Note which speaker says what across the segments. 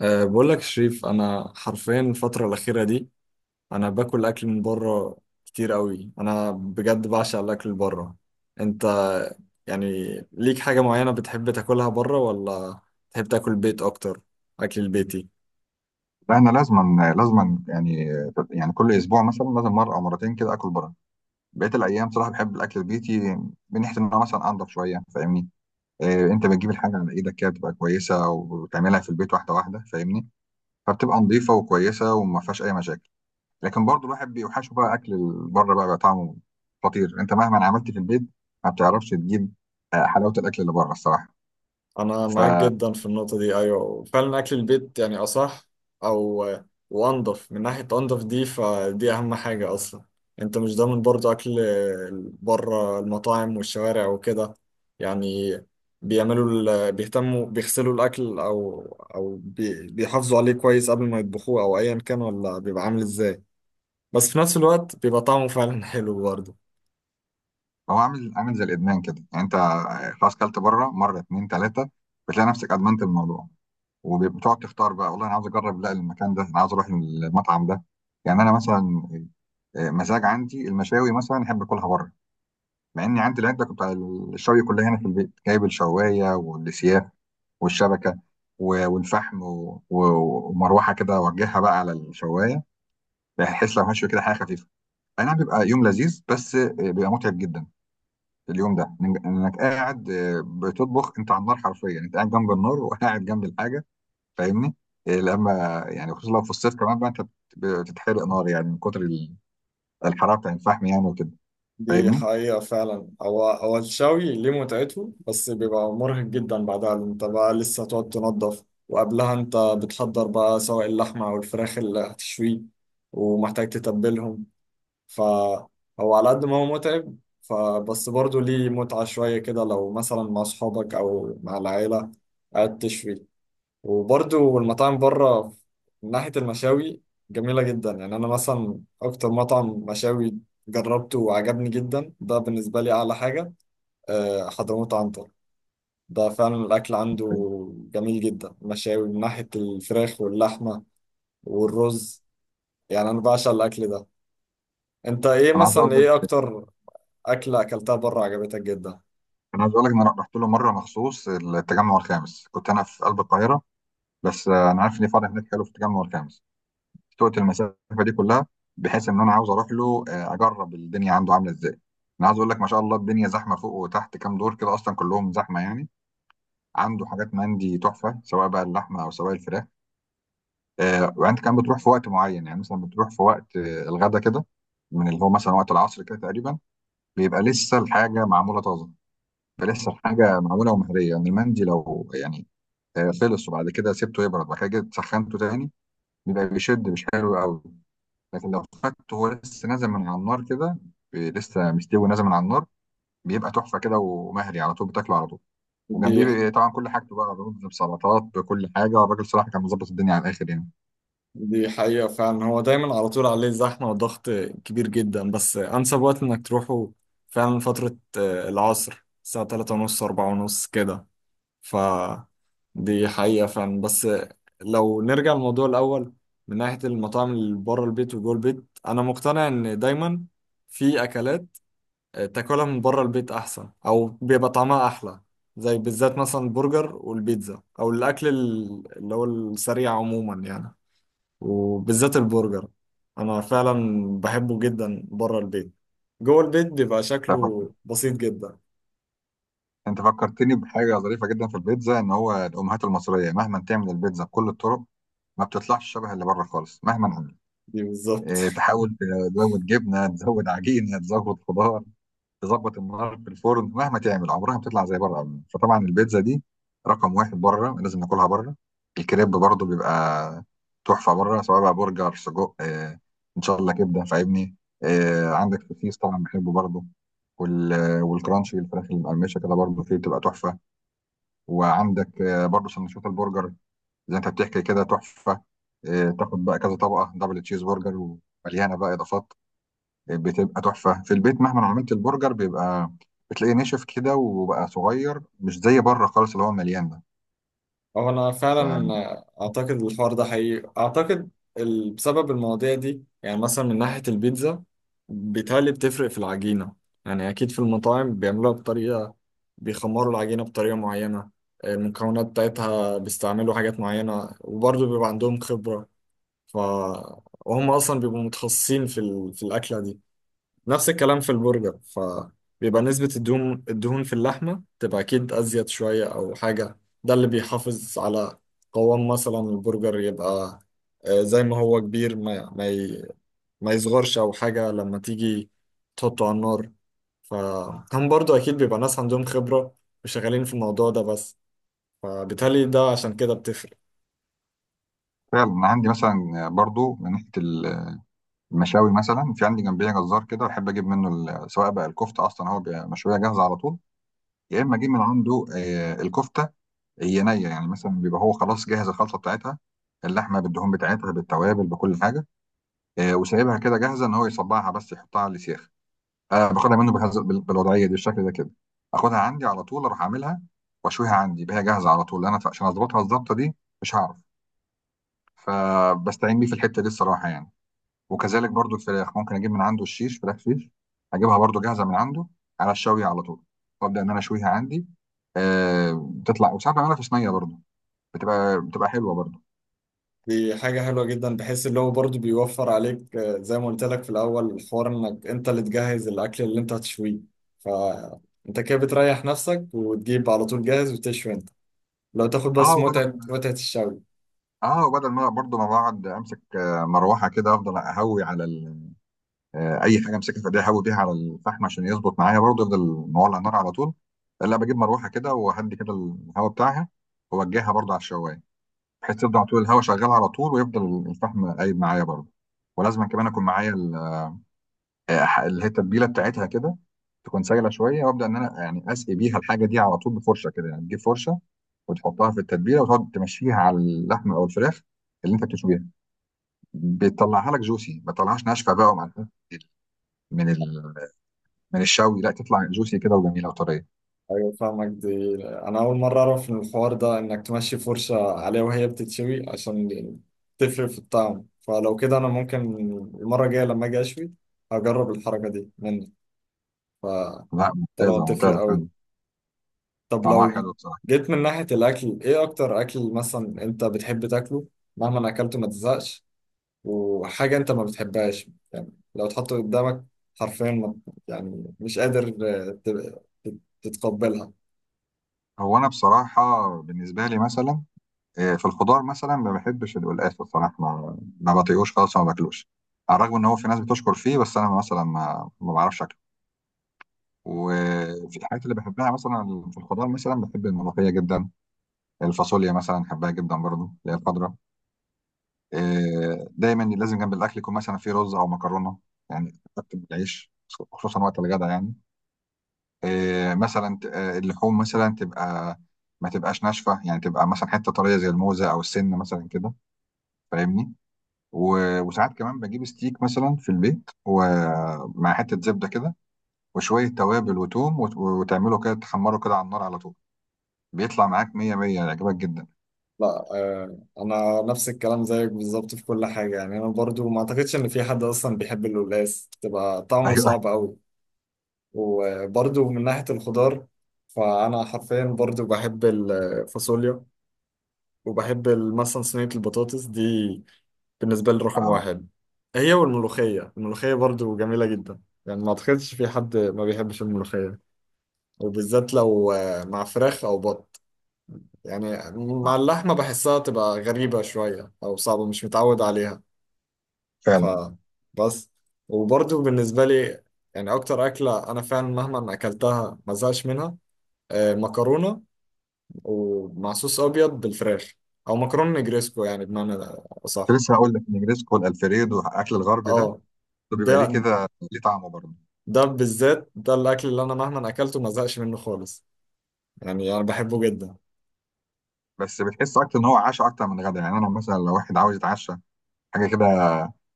Speaker 1: بقول لك شريف، انا حرفيا الفتره الاخيره دي انا باكل اكل من بره كتير قوي. انا بجد بعشق الاكل اللي بره. انت يعني ليك حاجه معينه بتحب تاكلها بره، ولا تحب تاكل بيت اكتر؟ اكل البيتي؟
Speaker 2: لا انا لازما يعني، كل اسبوع مثلا لازم مره او مرتين كده اكل بره. بقيه الايام صراحه بحب الاكل البيتي، من ناحيه ان انا مثلا انضف شويه. فاهمني؟ إيه، انت بتجيب الحاجه على ايدك كده بتبقى كويسه وتعملها في البيت واحده واحده. فاهمني؟ فبتبقى نظيفه وكويسه وما فيهاش اي مشاكل. لكن برضو الواحد بيوحشه بقى اكل بره، بقى طعمه خطير. انت مهما عملت في البيت ما بتعرفش تجيب حلاوه الاكل اللي بره الصراحه.
Speaker 1: انا معاك جدا في النقطه دي، ايوه فعلا اكل البيت يعني اصح، او وانضف. من ناحيه انضف دي، فدي اهم حاجه اصلا. انت مش ضامن برضو اكل بره المطاعم والشوارع وكده، يعني بيعملوا، بيهتموا بيغسلوا الاكل، او بيحافظوا عليه كويس قبل ما يطبخوه، او ايا كان ولا بيبقى عامل ازاي. بس في نفس الوقت بيبقى طعمه فعلا حلو برضه.
Speaker 2: هو عامل زي الادمان كده. يعني انت خلاص كلت بره مره اتنين تلاته بتلاقي نفسك ادمنت الموضوع، وبتقعد تختار بقى. والله انا عاوز اجرب، لا المكان ده انا عاوز اروح المطعم ده. يعني انا مثلا مزاج عندي المشاوي مثلا احب اكلها بره، مع اني عندي العده بتاع الشوي كلها هنا في البيت، جايب الشوايه والسياخ والشبكه والفحم ومروحه كده اوجهها بقى على الشوايه، بحيث لو هشوي كده حاجه خفيفه. اي نعم بيبقى يوم لذيذ، بس بيبقى متعب جدا اليوم ده. انك قاعد بتطبخ انت على النار، حرفيا انت قاعد جنب النار وقاعد جنب الحاجه. فاهمني؟ لما يعني خصوصا لو في الصيف كمان بقى انت بتتحرق نار، يعني من كتر الحراره بتاع الفحم يعني وكده.
Speaker 1: دي
Speaker 2: فاهمني؟
Speaker 1: حقيقة فعلا. هو الشوي ليه متعته، بس بيبقى مرهق جدا بعدها، لأن انت بقى لسه هتقعد تنظف، وقبلها انت بتحضر بقى سواء اللحمة أو الفراخ اللي هتشويه، ومحتاج تتبلهم. فهو على قد ما هو متعب، فبس برضه ليه متعة شوية كده لو مثلا مع أصحابك أو مع العيلة قاعد تشوي. وبرضو المطاعم بره من ناحية المشاوي جميلة جدا. يعني أنا مثلا أكتر مطعم مشاوي جربته وعجبني جدا ده بالنسبة لي أعلى حاجة، حضرموت عنتر. ده فعلا الأكل عنده جميل جدا، مشاوي من ناحية الفراخ واللحمة والرز. يعني أنا بعشق الأكل ده. أنت إيه
Speaker 2: انا عايز
Speaker 1: مثلا،
Speaker 2: اقول
Speaker 1: إيه
Speaker 2: لك
Speaker 1: أكتر أكلة أكلتها بره عجبتك جدا؟
Speaker 2: انا عايز اقول لك ان انا رحت له مره مخصوص التجمع الخامس، كنت انا في قلب القاهره، بس انا عارف ان فرع هناك حلو في التجمع الخامس، سوقت المسافه دي كلها بحيث ان انا عاوز اروح له اجرب الدنيا عنده عامله ازاي. انا عايز اقول لك ما شاء الله الدنيا زحمه فوق وتحت، كام دور كده اصلا كلهم زحمه يعني. عنده حاجات مندي تحفه سواء بقى اللحمه او سواء الفراخ. وانت كمان بتروح في وقت معين، يعني مثلا بتروح في وقت الغدا كده، من اللي هو مثلا وقت العصر كده تقريبا، بيبقى لسه الحاجه معموله طازه. بيبقى لسه الحاجه معموله ومهريه، يعني المندي لو يعني خلص وبعد كده سبته يبرد وبعد كده جيت سخنته تاني بيبقى بيشد، مش حلو قوي. لكن لو فته هو لسه نازل من على النار كده، لسه مستوي نازل من على النار، بيبقى تحفه كده ومهري على طول، بتاكله على طول.
Speaker 1: دي
Speaker 2: وجنبيه طبعا كل حاجته بقى، رز بسلطات بكل حاجه. الراجل صراحه كان مظبط الدنيا على الاخر يعني.
Speaker 1: دي حقيقة فعلا. هو دايما على طول عليه زحمة وضغط كبير جدا، بس أنسب وقت إنك تروحه فعلا فترة العصر، الساعة 3:30 4:30 كده. ف دي حقيقة فعلا. بس لو نرجع للموضوع الأول، من ناحية المطاعم اللي بره البيت وجوه البيت، أنا مقتنع إن دايما في أكلات تاكلها من بره البيت أحسن، أو بيبقى طعمها أحلى، زي بالذات مثلا البرجر والبيتزا، أو الأكل اللي هو السريع عموما يعني. وبالذات البرجر انا فعلا بحبه جدا بره البيت. جوه البيت بيبقى
Speaker 2: انت
Speaker 1: شكله
Speaker 2: فك-
Speaker 1: بسيط جدا.
Speaker 2: أنت فكرتني بحاجه ظريفه جدا في البيتزا، ان هو الامهات المصريه مهما تعمل البيتزا بكل الطرق ما بتطلعش شبه اللي بره خالص مهما عملت.
Speaker 1: دي بالظبط
Speaker 2: إيه، تحاول تزود جبنه تزود عجينه تزود خضار، تظبط النار في الفرن، مهما تعمل عمرها ما بتطلع زي بره ابدا. فطبعا البيتزا دي رقم واحد بره، لازم ناكلها بره. الكريب برضو بيبقى تحفه بره. سواء بقى برجر، سجق، ان شاء الله كبده. فاهمني؟ عندك سوسيس طبعا بحبه برضو. وال والكرانشي الفراخ المقرمشه كده برضو فيه بتبقى تحفه. وعندك برضو سندوتشات البرجر زي انت بتحكي كده تحفه. تاخد بقى كذا طبقه دبل تشيز برجر ومليانه بقى اضافات، بتبقى تحفة. في البيت مهما عملت البرجر بيبقى بتلاقيه نشف كده وبقى صغير، مش زي بره خالص اللي هو مليان ده.
Speaker 1: هو انا فعلا
Speaker 2: ففعلا
Speaker 1: اعتقد الحوار ده حقيقي. اعتقد بسبب المواضيع دي. يعني مثلا من ناحية البيتزا بيتهيألي بتفرق في العجينة. يعني اكيد في المطاعم بيعملوها بطريقة، بيخمروا العجينة بطريقة معينة، المكونات بتاعتها بيستعملوا حاجات معينة، وبرضه بيبقى عندهم خبرة. ف وهم اصلا بيبقوا متخصصين في الاكله دي. نفس الكلام في البرجر. بيبقى نسبة الدهون في اللحمة تبقى أكيد أزيد شوية أو حاجة. ده اللي بيحافظ على قوام مثلا البرجر، يبقى زي ما هو كبير، ما يصغرش أو حاجة لما تيجي تحطه على النار. فهم برضو أكيد بيبقى ناس عندهم خبرة وشغالين في الموضوع ده بس، فبالتالي ده عشان كده بتفرق.
Speaker 2: انا عندي مثلا برضو من ناحية المشاوي مثلا، في عندي جنبية جزار كده بحب اجيب منه سواء بقى الكفتة، اصلا هو بيبقى مشوية جاهزة على طول، يا اما اجيب من عنده الكفتة هي نية. يعني مثلا بيبقى هو خلاص جاهز الخلطة بتاعتها، اللحمة بالدهون بتاعتها بالتوابل بكل حاجة، وسايبها كده جاهزة، ان هو يصبعها بس يحطها على السيخ. انا باخدها منه بهذا بالوضعيه دي بالشكل ده كده، اخدها عندي على طول، اروح اعملها واشويها عندي بها جاهزه على طول، انا عشان اظبطها الظبطه دي مش هعرف. فبستعين بيه في الحته دي الصراحه يعني. وكذلك برضو الفراخ ممكن اجيب من عنده الشيش فراخ شيش، اجيبها برضو جاهزه من عنده على الشوي على طول، وابدا ان انا اشويها عندي. بتطلع، وساعات بعملها في صينيه برضو، بتبقى حلوه برضو.
Speaker 1: دي حاجة حلوة جدا، بحيث اللي هو برضه بيوفر عليك، زي ما قلت لك في الأول الحوار، إنك أنت اللي تجهز الأكل اللي أنت هتشويه، فأنت كده بتريح نفسك وتجيب على طول جاهز وتشوي أنت. لو تاخد
Speaker 2: اه
Speaker 1: بس
Speaker 2: وبدل
Speaker 1: متعة الشوي.
Speaker 2: اه وبدل ما برضو ما بقعد امسك مروحه كده، افضل اهوي على ال اي حاجه، امسكها في ايديا احاول بيها على الفحم عشان يظبط معايا برضه، يفضل مولع النار على طول. لا، بجيب مروحه كده وهدي كده الهواء بتاعها واوجهها برضه على الشوايه، بحيث تفضل على طول الهواء شغال على طول ويفضل الفحم قايم معايا برضه. ولازم كمان اكون معايا اللي هي التتبيله بتاعتها كده، تكون سايله شويه، وابدا ان انا يعني اسقي بيها الحاجه دي على طول بفرشه كده. يعني تجيب فرشه وتحطها في التتبيله وتقعد تمشيها على اللحم او الفراخ اللي انت بتشويها، بتطلعها لك جوسي، ما تطلعهاش ناشفه بقى، ومع من من الشوي لا تطلع جوسي كده وجميله وطريه.
Speaker 1: أيوة فاهمك. دي أنا أول مرة أعرف إن الحوار ده، إنك تمشي فرشة عليها وهي بتتشوي عشان تفرق في الطعم. فلو كده أنا ممكن المرة الجاية لما أجي أشوي هجرب الحركة دي منك،
Speaker 2: لا،
Speaker 1: فطالما
Speaker 2: ممتازه
Speaker 1: بتفرق
Speaker 2: ممتازه
Speaker 1: أوي.
Speaker 2: فعلا.
Speaker 1: طب
Speaker 2: طعمها
Speaker 1: لو
Speaker 2: حلو بصراحه.
Speaker 1: جيت من ناحية الأكل، إيه أكتر أكل مثلا أنت بتحب تاكله مهما أكلته ما تزهقش، وحاجة أنت ما بتحبهاش يعني لو تحطه قدامك حرفيا ما، يعني مش قادر آه، ت- تتقبلها؟
Speaker 2: هو انا بصراحه بالنسبه لي مثلا في الخضار مثلا ما بحبش القلقاس بصراحه، ما بطيقوش خالص وما باكلوش. على الرغم ان هو في ناس بتشكر فيه، بس انا مثلا ما بعرفش اكله. وفي الحاجات اللي بحبها مثلا في الخضار، مثلا بحب الملوخيه جدا. الفاصوليا مثلا بحبها جدا برضو اللي هي الخضراء. دايما لازم جنب الاكل يكون مثلا في رز او مكرونه، يعني حتى بالعيش، خصوصا وقت الغدا يعني. مثلا اللحوم مثلا تبقى ما تبقاش ناشفه، يعني تبقى مثلا حته طريه زي الموزه او السن مثلا كده. فاهمني؟ وساعات كمان بجيب ستيك مثلا في البيت ومع حته زبده كده وشويه توابل وتوم وتعمله كده تحمره كده على النار على طول، بيطلع معاك 100 100، يعجبك جدا.
Speaker 1: لا، أنا نفس الكلام زيك بالظبط في كل حاجة. يعني أنا برضو ما أعتقدش إن في حد أصلا بيحب القلقاس، تبقى طعمه
Speaker 2: ايوه،
Speaker 1: صعب أوي. وبرضو من ناحية الخضار، فأنا حرفيا برضو بحب الفاصوليا، وبحب مثلا صينية البطاطس دي بالنسبة لي رقم
Speaker 2: اه
Speaker 1: واحد، هي والملوخية. الملوخية برضو جميلة جدا، يعني ما أعتقدش في حد ما بيحبش الملوخية، وبالذات لو مع فراخ أو بط. يعني مع اللحمة بحسها تبقى غريبة شوية، أو صعبة مش متعود عليها
Speaker 2: فعلا.
Speaker 1: فبس. وبرضو بالنسبة لي، يعني أكتر أكلة أنا فعلا مهما أكلتها ما زهقش منها مكرونة ومع صوص أبيض بالفراخ، أو مكرونة نجريسكو، يعني بمعنى
Speaker 2: كنت
Speaker 1: أصح.
Speaker 2: لسه هقول لك النجريسكو والالفريدو، الاكل الغربي ده،
Speaker 1: اه،
Speaker 2: ده
Speaker 1: ده
Speaker 2: بيبقى ليه كده، ليه طعمه برضه.
Speaker 1: ده بالذات، ده الاكل اللي انا مهما اكلته ما زهقش منه خالص، يعني انا بحبه جدا.
Speaker 2: بس بتحس اكتر ان هو عشاء اكتر من غدا. يعني انا مثلا لو واحد عاوز يتعشى حاجه كده،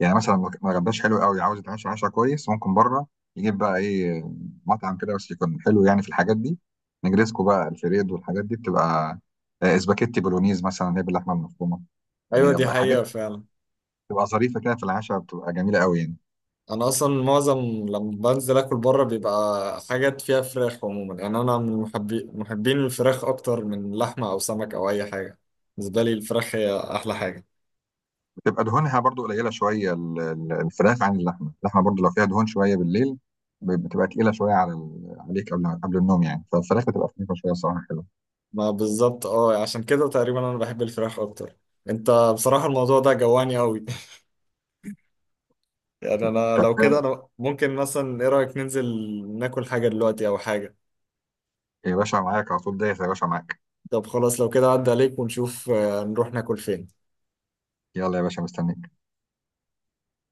Speaker 2: يعني مثلا ما غداش حلو قوي، عاوز يتعشى عشاء كويس، ممكن بره يجيب بقى ايه، مطعم كده بس يكون حلو يعني في الحاجات دي. نجريسكو بقى، الفريد، والحاجات دي بتبقى اسباجيتي بولونيز مثلا اللي هي باللحمه المفرومه.
Speaker 1: ايوه، دي
Speaker 2: الحاجات
Speaker 1: حقيقة
Speaker 2: دي
Speaker 1: فعلا.
Speaker 2: بتبقى ظريفه كده في العشاء، بتبقى جميله قوي يعني.
Speaker 1: انا اصلا معظم لما بنزل اكل بره بيبقى حاجات فيها فراخ عموما. يعني انا من محبين الفراخ اكتر من لحمة او سمك او اي حاجة. بالنسبة لي الفراخ هي احلى حاجة.
Speaker 2: بتبقى دهونها برضو قليله شويه الفراخ عن اللحمه. اللحمه برضو لو فيها دهون شويه بالليل بتبقى تقيله شويه عليك قبل النوم يعني. فالفراخ بتبقى خفيفه شويه صراحه، حلوه.
Speaker 1: ما بالظبط، اه، عشان كده تقريبا انا بحب الفراخ اكتر. انت بصراحة الموضوع ده جواني قوي يعني انا لو كده،
Speaker 2: طب
Speaker 1: انا ممكن مثلا، ايه رأيك ننزل ناكل حاجة دلوقتي او حاجة؟
Speaker 2: يا باشا، معاك على طول، دايس يا باشا معاك.
Speaker 1: طب خلاص، لو كده عدى عليك ونشوف، نروح ناكل فين.
Speaker 2: يلا يا باشا مستنيك.